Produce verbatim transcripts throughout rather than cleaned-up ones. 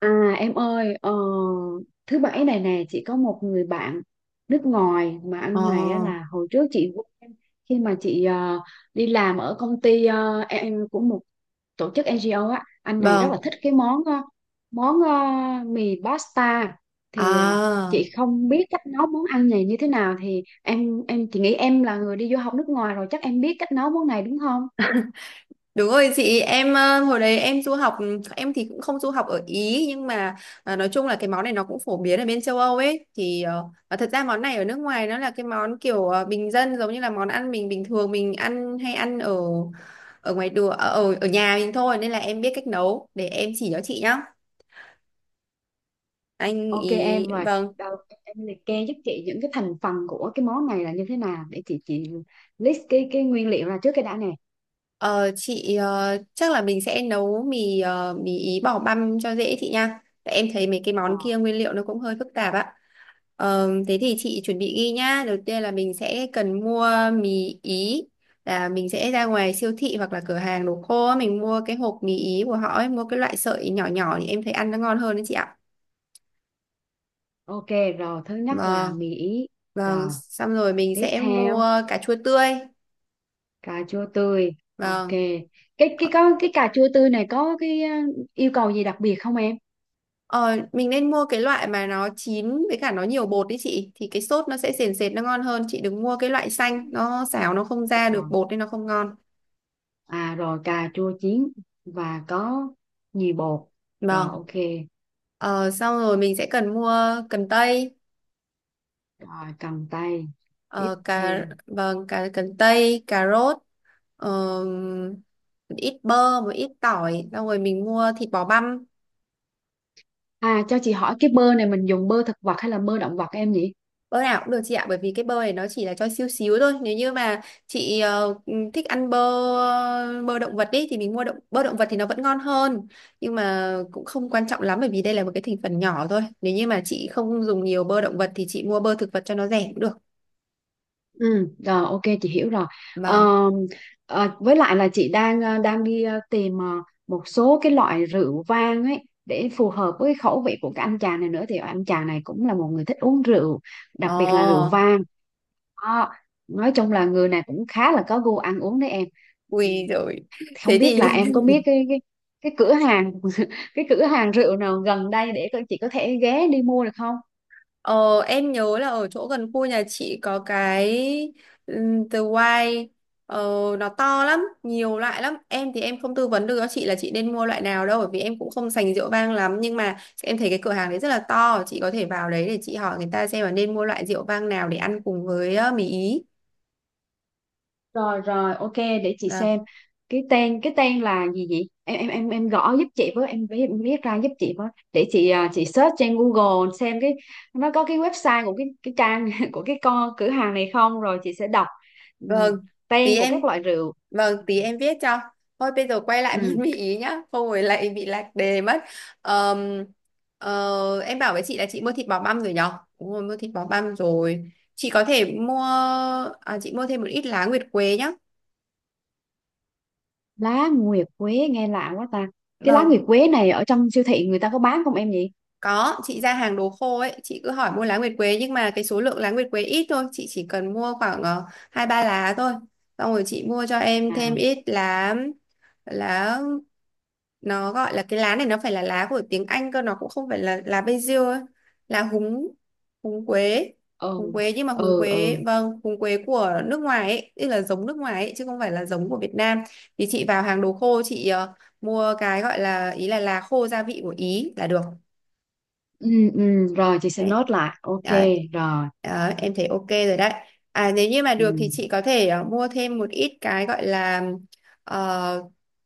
À em ơi, ờ, thứ bảy này nè chị có một người bạn nước ngoài mà Ờ, anh này á là hồi trước chị quen khi mà chị ờ, đi làm ở công ty ờ, em của một tổ chức en giê o á, anh này rất là vâng. thích cái món ờ, món ờ, mì pasta thì ờ, À, chị không biết cách nấu món ăn này như thế nào thì em em chị nghĩ em là người đi du học nước ngoài rồi chắc em biết cách nấu món này đúng không? đúng rồi chị, em ờ, hồi đấy em du học, em thì cũng không du học ở Ý nhưng mà à, nói chung là cái món này nó cũng phổ biến ở bên châu Âu ấy thì ờ, và thật ra món này ở nước ngoài nó là cái món kiểu ờ, bình dân giống như là món ăn mình bình thường mình ăn hay ăn ở ở ngoài đường ở ở ở nhà mình thôi nên là em biết cách nấu để em chỉ cho chị nhá. Anh Ok ý em rồi, vâng. đầu tiên em liệt kê giúp chị những cái thành phần của cái món này là như thế nào để chị chị list cái cái nguyên liệu ra trước cái đã nè. Ờ, chị ờ, chắc là mình sẽ nấu mì ờ, mì ý bỏ băm cho dễ chị nha. Tại em thấy mấy cái món Rồi, kia nguyên liệu nó cũng hơi phức tạp ạ. Ờ, thế thì chị chuẩn bị ghi nhá. Đầu tiên là mình sẽ cần mua mì ý là mình sẽ ra ngoài siêu thị hoặc là cửa hàng đồ khô á, mình mua cái hộp mì ý của họ ấy, mua cái loại sợi nhỏ nhỏ thì em thấy ăn nó ngon hơn đấy chị ạ. ok rồi, thứ nhất là Vâng, mì ý. vâng, Rồi, xong rồi mình tiếp sẽ mua theo cà chua tươi. cà chua tươi. Ok. Vâng. Cái cái có cái cà chua tươi này có cái ờ, yêu cầu gì đặc biệt không em? Ờ, mình nên mua cái loại mà nó chín với cả nó nhiều bột đấy chị thì cái sốt nó sẽ sền sệt nó ngon hơn, chị đừng mua cái loại xanh nó xào nó không ra được Rồi. bột nên nó không ngon. À rồi cà chua chín và có nhì bột. Rồi Vâng. ok. ờ, Xong rồi mình sẽ cần mua cần tây, Rồi cầm tay. Tiếp ờ, cà theo. vâng cà cần tây, cà rốt, ờ, một ít bơ, một ít tỏi, xong rồi mình mua thịt bò băm. À cho chị hỏi cái bơ này mình dùng bơ thực vật hay là bơ động vật em nhỉ? Bơ nào cũng được chị ạ, bởi vì cái bơ này nó chỉ là cho xíu xíu thôi. Nếu như mà chị ờ, thích ăn bơ bơ động vật đi thì mình mua động bơ động vật thì nó vẫn ngon hơn. Nhưng mà cũng không quan trọng lắm bởi vì đây là một cái thành phần nhỏ thôi. Nếu như mà chị không dùng nhiều bơ động vật thì chị mua bơ thực vật cho nó rẻ cũng được. Ừ, rồi ok chị hiểu rồi. Vâng. Ờ, ờ, với lại là chị đang ờ, đang đi ờ, tìm ờ, một số cái loại rượu vang ấy để phù hợp với cái khẩu vị của cái anh chàng này nữa thì anh chàng này cũng là một người thích uống rượu, Ồ, đặc biệt là rượu vang. Đó. Nói chung là người này cũng khá là có gu ăn uống đấy em. Ừ, ui rồi. không Thế biết là thì em có biết cái cái cái cửa hàng cái cửa hàng rượu nào gần đây để coi chị có thể ghé đi mua được không? Ờ, em nhớ là ở chỗ gần khu nhà chị có cái ừm, The White, ờ, nó to lắm, nhiều loại lắm. Em thì em không tư vấn được cho chị là chị nên mua loại nào đâu bởi vì em cũng không sành rượu vang lắm nhưng mà em thấy cái cửa hàng đấy rất là to, chị có thể vào đấy để chị hỏi người ta xem là nên mua loại rượu vang nào để ăn cùng với ờ, mì Ý. Rồi rồi, ok để chị Vâng. xem. Cái tên cái tên là gì vậy? Em em em em gõ giúp chị với, em viết em viết ra giúp chị với. Để chị à, chị search trên Google xem cái nó có cái website của cái cái trang của cái con cửa hàng này không rồi chị sẽ đọc ừ, Vâng. Thì tên của em các loại rượu. vâng, tí em viết cho. Thôi bây giờ quay lại món Ừ, mì ý nhá, không rồi lại bị lạc đề mất. Ờm, ờ, em bảo với chị là chị mua thịt bò băm rồi nhở? Đúng rồi, mua thịt bò băm rồi. Chị có thể mua, à, chị mua thêm một ít lá nguyệt quế nhá. lá nguyệt quế nghe lạ quá ta. Cái lá Vâng, nguyệt quế này ở trong siêu thị người ta có bán không em nhỉ? có, chị ra hàng đồ khô ấy, chị cứ hỏi mua lá nguyệt quế nhưng mà cái số lượng lá nguyệt quế ít thôi, chị chỉ cần mua khoảng ờ, hai ba lá thôi. Xong rồi chị mua cho em thêm À, ít lá, lá nó gọi là cái lá này nó phải là lá của tiếng Anh cơ, nó cũng không phải là lá basil ấy. Là húng, húng quế ừ, húng quế nhưng mà húng ừ, quế ừ. vâng húng quế của nước ngoài ấy, tức là giống nước ngoài ấy chứ không phải là giống của Việt Nam. Thì chị vào hàng đồ khô chị ờ, mua cái gọi là ý là lá khô gia vị của Ý là được. Ừ, ừ, rồi chị sẽ đấy nốt lại. Ok, đấy rồi. Đó, em thấy ok rồi đấy. À, nếu như mà Ừ. được thì chị có thể ờ, mua thêm một ít cái gọi là ờ,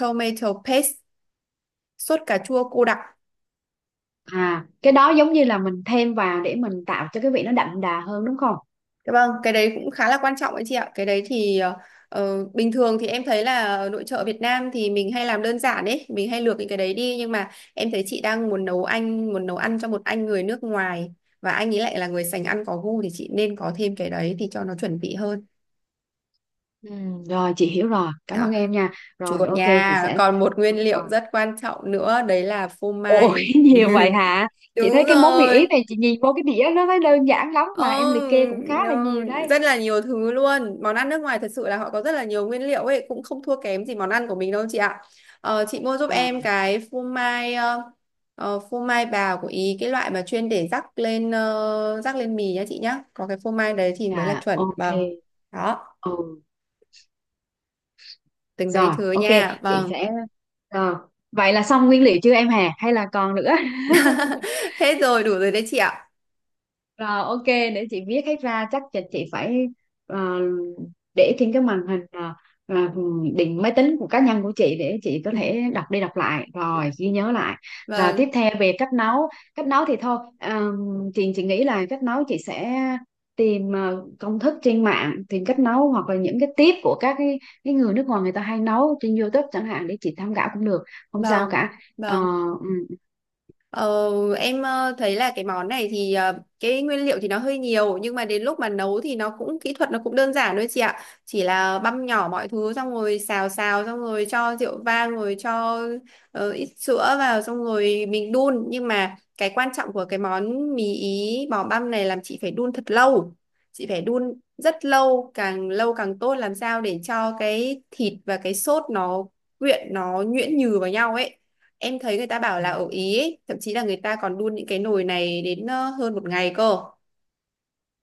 tomato paste, sốt cà chua cô đặc. À, cái đó giống như là mình thêm vào để mình tạo cho cái vị nó đậm đà hơn đúng không? Dạ vâng, cái đấy cũng khá là quan trọng đấy chị ạ. Cái đấy thì ờ, ờ, bình thường thì em thấy là ở nội trợ Việt Nam thì mình hay làm đơn giản đấy, mình hay luộc những cái đấy đi nhưng mà em thấy chị đang muốn nấu anh muốn nấu ăn cho một anh người nước ngoài và anh ấy lại là người sành ăn có gu thì chị nên có thêm cái đấy thì cho nó chuẩn vị hơn. Ừ, rồi chị hiểu rồi, cảm Đó, ơn em nha. Rồi chùa ok chị nha. sẽ. Còn một nguyên Ờ. liệu rất quan trọng nữa đấy là phô Ôi mai. nhiều vậy hả? Chị Đúng thấy cái món mì ý rồi. này chị nhìn vô cái đĩa nó thấy đơn giản lắm Ồ, mà em liệt kê cũng khá là no, nhiều đấy. rất là nhiều thứ luôn. Món ăn nước ngoài thật sự là họ có rất là nhiều nguyên liệu ấy, cũng không thua kém gì món ăn của mình đâu chị ạ. Ờ, chị mua giúp À, em cái phô mai, ờ, ờ, phô mai bào của Ý, cái loại mà chuyên để rắc lên ờ, rắc lên mì nhá chị nhá. Có cái phô mai đấy thì mới là à chuẩn. ok. Vâng. Đó, Ừ, từng đấy rồi thứ ok nha. chị Vâng. sẽ rồi. Vậy là xong nguyên liệu chưa em Hà hay là còn nữa? Hết rồi, đủ rồi đấy chị ạ. Rồi ok để chị viết hết ra chắc là chị phải ờ, để trên cái màn hình ờ, ờ, định máy tính của cá nhân của chị để chị có thể đọc đi đọc lại rồi ghi nhớ lại, rồi tiếp Vâng, theo về cách nấu. Cách nấu thì thôi ờm, chị chị nghĩ là cách nấu chị sẽ tìm ờ, công thức trên mạng, tìm cách nấu hoặc là những cái tip của các cái, cái người nước ngoài người ta hay nấu trên YouTube chẳng hạn để chị tham khảo cũng được, không sao vâng, cả. Ờ, vâng. ừ, Ờ, em ờ, thấy là cái món này thì ờ, cái nguyên liệu thì nó hơi nhiều nhưng mà đến lúc mà nấu thì nó cũng kỹ thuật nó cũng đơn giản thôi chị ạ. Chỉ là băm nhỏ mọi thứ xong rồi xào xào xong rồi cho rượu vang rồi cho ờ, ít sữa vào xong rồi mình đun nhưng mà cái quan trọng của cái món mì Ý bò băm này làm chị phải đun thật lâu. Chị phải đun rất lâu, càng lâu càng tốt, làm sao để cho cái thịt và cái sốt nó quyện nó nhuyễn nhừ vào nhau ấy. Em thấy người ta bảo ừ. là ở Ý ấy, thậm chí là người ta còn đun những cái nồi này đến ờ, hơn một ngày cơ.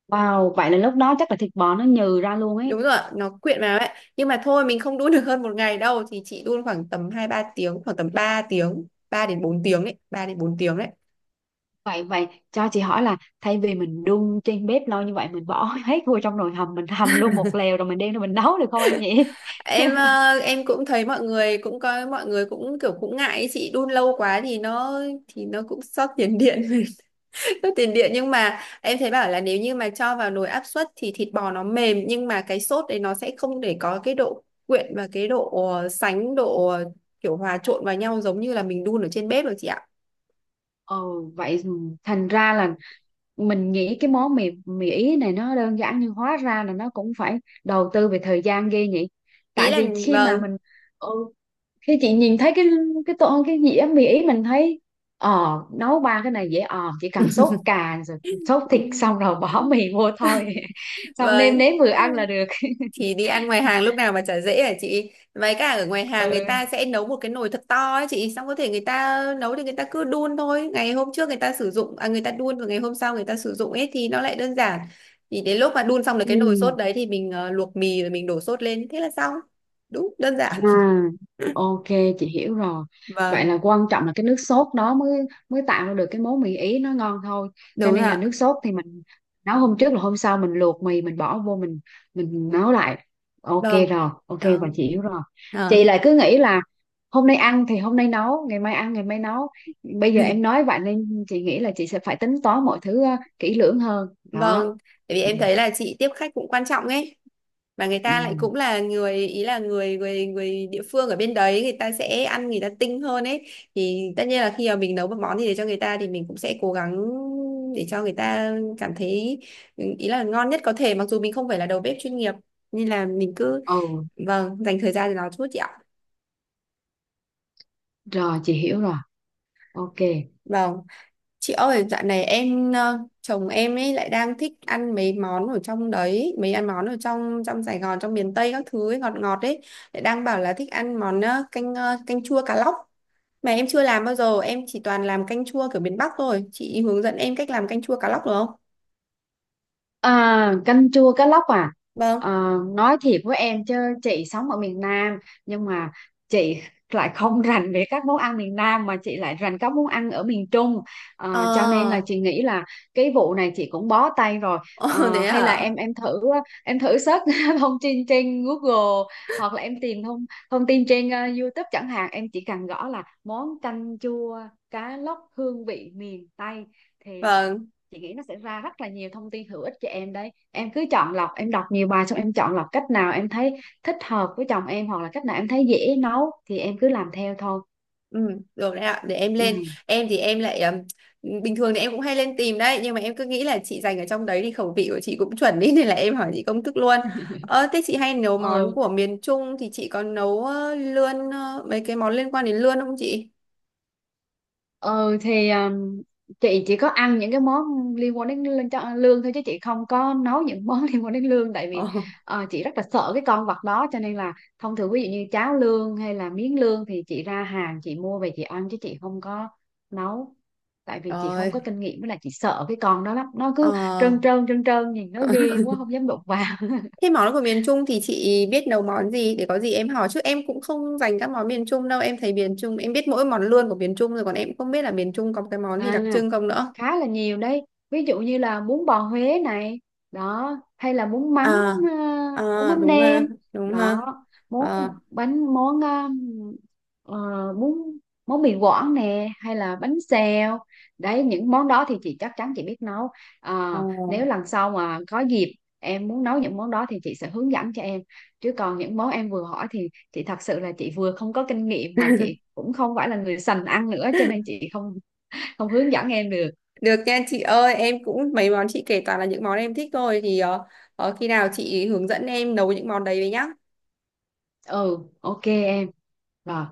Wow, vậy là lúc đó chắc là thịt bò nó nhừ ra luôn ấy. Đúng rồi ạ, nó quyện vào ấy, nhưng mà thôi mình không đun được hơn một ngày đâu thì chị đun khoảng tầm hai ba tiếng, khoảng tầm ba tiếng ba đến bốn tiếng đấy, ba đến bốn tiếng đấy Vậy vậy cho chị hỏi là thay vì mình đun trên bếp lâu như vậy mình bỏ hết vô trong nồi hầm mình hầm luôn một lèo rồi mình đem ra mình nấu được không em nhỉ? em ờ, em cũng thấy mọi người cũng có mọi người cũng kiểu cũng ngại ấy, chị đun lâu quá thì nó thì nó cũng xót tiền điện sốt tiền điện nhưng mà em thấy bảo là nếu như mà cho vào nồi áp suất thì thịt bò nó mềm nhưng mà cái sốt đấy nó sẽ không để có cái độ quyện và cái độ ờ, sánh độ ờ, kiểu hòa trộn vào nhau giống như là mình đun ở trên bếp được chị ạ Ồ vậy, thành ra là mình nghĩ cái món mì mì ý này nó đơn giản nhưng hóa ra là nó cũng phải đầu tư về thời gian ghê nhỉ. ý Tại là vì khi vâng mà mình, ừ, khi chị nhìn thấy cái cái tô cái dĩa mì ý mình thấy, ờ nấu ba cái này dễ, ờ chỉ cần sốt cà rồi sốt Ừ, thịt xong rồi bỏ mì vô thôi xong nêm vâng, nếm vừa ăn là được. thì đi ăn ngoài hàng lúc nào mà chả dễ hả chị, với cả ở ngoài hàng người ta Ừ. sẽ nấu một cái nồi thật to ấy chị, xong có thể người ta nấu thì người ta cứ đun thôi, ngày hôm trước người ta sử dụng à, người ta đun và ngày hôm sau người ta sử dụng ấy thì nó lại đơn giản. Thì đến lúc mà đun xong được cái nồi Ừ. sốt đấy thì mình ờ, luộc mì rồi mình đổ sốt lên thế là xong. Đúng, đơn giản. À, ok chị hiểu rồi. Vậy là Vâng, quan trọng là cái nước sốt đó mới mới tạo ra được cái món mì Ý nó ngon thôi. Cho đúng rồi nên là nước ạ. sốt thì mình nấu hôm trước là hôm sau mình luộc mì mình bỏ vô mình mình nấu lại. Ok Vâng rồi, ok và vâng chị hiểu rồi. Chị vâng lại cứ nghĩ là hôm nay ăn thì hôm nay nấu, ngày mai ăn ngày mai nấu. Bây giờ em nói vậy nên chị nghĩ là chị sẽ phải tính toán mọi thứ ờ, kỹ lưỡng hơn. Đó. Vâng, tại vì Ừ. em thấy là chị tiếp khách cũng quan trọng ấy. Mà người Ừ, ta lại cũng là người ý là người người người địa phương ở bên đấy, người ta sẽ ăn người ta tinh hơn ấy, thì tất nhiên là khi mà mình nấu một món gì để cho người ta thì mình cũng sẽ cố gắng để cho người ta cảm thấy, ừ, ý là ngon nhất có thể, mặc dù mình không phải là đầu bếp chuyên nghiệp nên là mình cứ, ừ, vâng, dành thời gian cho nó chút chị ạ. rồi chị hiểu rồi. Ok. Vâng. Chị ơi, dạo này em ờ, chồng em ấy lại đang thích ăn mấy món ở trong đấy, mấy ăn món ở trong trong Sài Gòn, trong miền Tây các thứ ấy, ngọt ngọt ấy, lại đang bảo là thích ăn món ờ, canh ờ, canh chua cá lóc. Mà em chưa làm bao giờ, em chỉ toàn làm canh chua kiểu miền Bắc thôi. Chị hướng dẫn em cách làm canh chua cá lóc được không? À, canh chua cá lóc à? Vâng. Ờ, nói thiệt với em chứ chị sống ở miền Nam nhưng mà chị lại không rành về các món ăn miền Nam mà chị lại rành các món ăn ở miền Trung. Ờ, Ờ, cho nên là chị nghĩ là cái vụ này chị cũng bó tay rồi. Ồ, Ờ, thế hay là à? em em thử, em thử search thông tin trên Google hoặc là em tìm thông thông tin trên ờ, YouTube chẳng hạn, em chỉ cần gõ là món canh chua cá lóc hương vị miền Tây thì Vâng, chị nghĩ nó sẽ ra rất là nhiều thông tin hữu ích cho em đấy, em cứ chọn lọc, em đọc nhiều bài xong em chọn lọc cách nào em thấy thích hợp với chồng em hoặc là cách nào em thấy dễ nấu thì em cứ làm theo thôi. ừ, được đấy ạ, để em Ừ. lên. Em thì em lại ừm, bình thường thì em cũng hay lên tìm đấy, nhưng mà em cứ nghĩ là chị dành ở trong đấy thì khẩu vị của chị cũng chuẩn ý nên là em hỏi chị công thức luôn. Ờ, thế chị hay nấu món Ừ. của miền Trung thì chị có nấu ờ, lươn ờ, mấy cái món liên quan đến lươn không chị? ừ thì um, chị chỉ có ăn những cái món liên quan đến lương, cho- lương thôi chứ chị không có nấu những món liên quan đến lương. Tại Ờ, vì ờ, chị rất là sợ cái con vật đó cho nên là thông thường ví dụ như cháo lương hay là miếng lương thì chị ra hàng chị mua về chị ăn chứ chị không có nấu, tại vì chị không rồi. có kinh nghiệm với lại chị sợ cái con đó lắm, nó cứ Ờ. trơn trơn trơn trơn nhìn nó ghê quá không dám đụng vào. Thế món của miền Trung thì chị biết nấu món gì để có gì em hỏi, chứ em cũng không dành các món miền Trung đâu, em thấy miền Trung em biết mỗi món lươn của miền Trung rồi còn em cũng không biết là miền Trung có cái món gì À, đặc trưng không nữa. khá là nhiều đấy, ví dụ như là bún bò Huế này, đó, hay là bún mắm, à, ờ, bún À, mắm đúng nêm, ha đúng đó, ha. món Ờ, bánh, món ờ, ờ, bún món mì Quảng nè hay là bánh xèo, đấy những món đó thì chị chắc chắn chị biết nấu. ờ. Ờ, nếu lần sau mà có dịp em muốn nấu những món đó thì chị sẽ hướng dẫn cho em, chứ còn những món em vừa hỏi thì chị thật sự là chị vừa không có kinh nghiệm mà chị cũng không phải là người sành ăn nữa cho nên chị không không hướng dẫn em được. Được nha chị ơi, em cũng mấy món chị kể toàn là những món em thích thôi thì ờ, ờ, khi nào chị hướng dẫn em nấu những món đấy với nhá. Ừ ok em, rồi.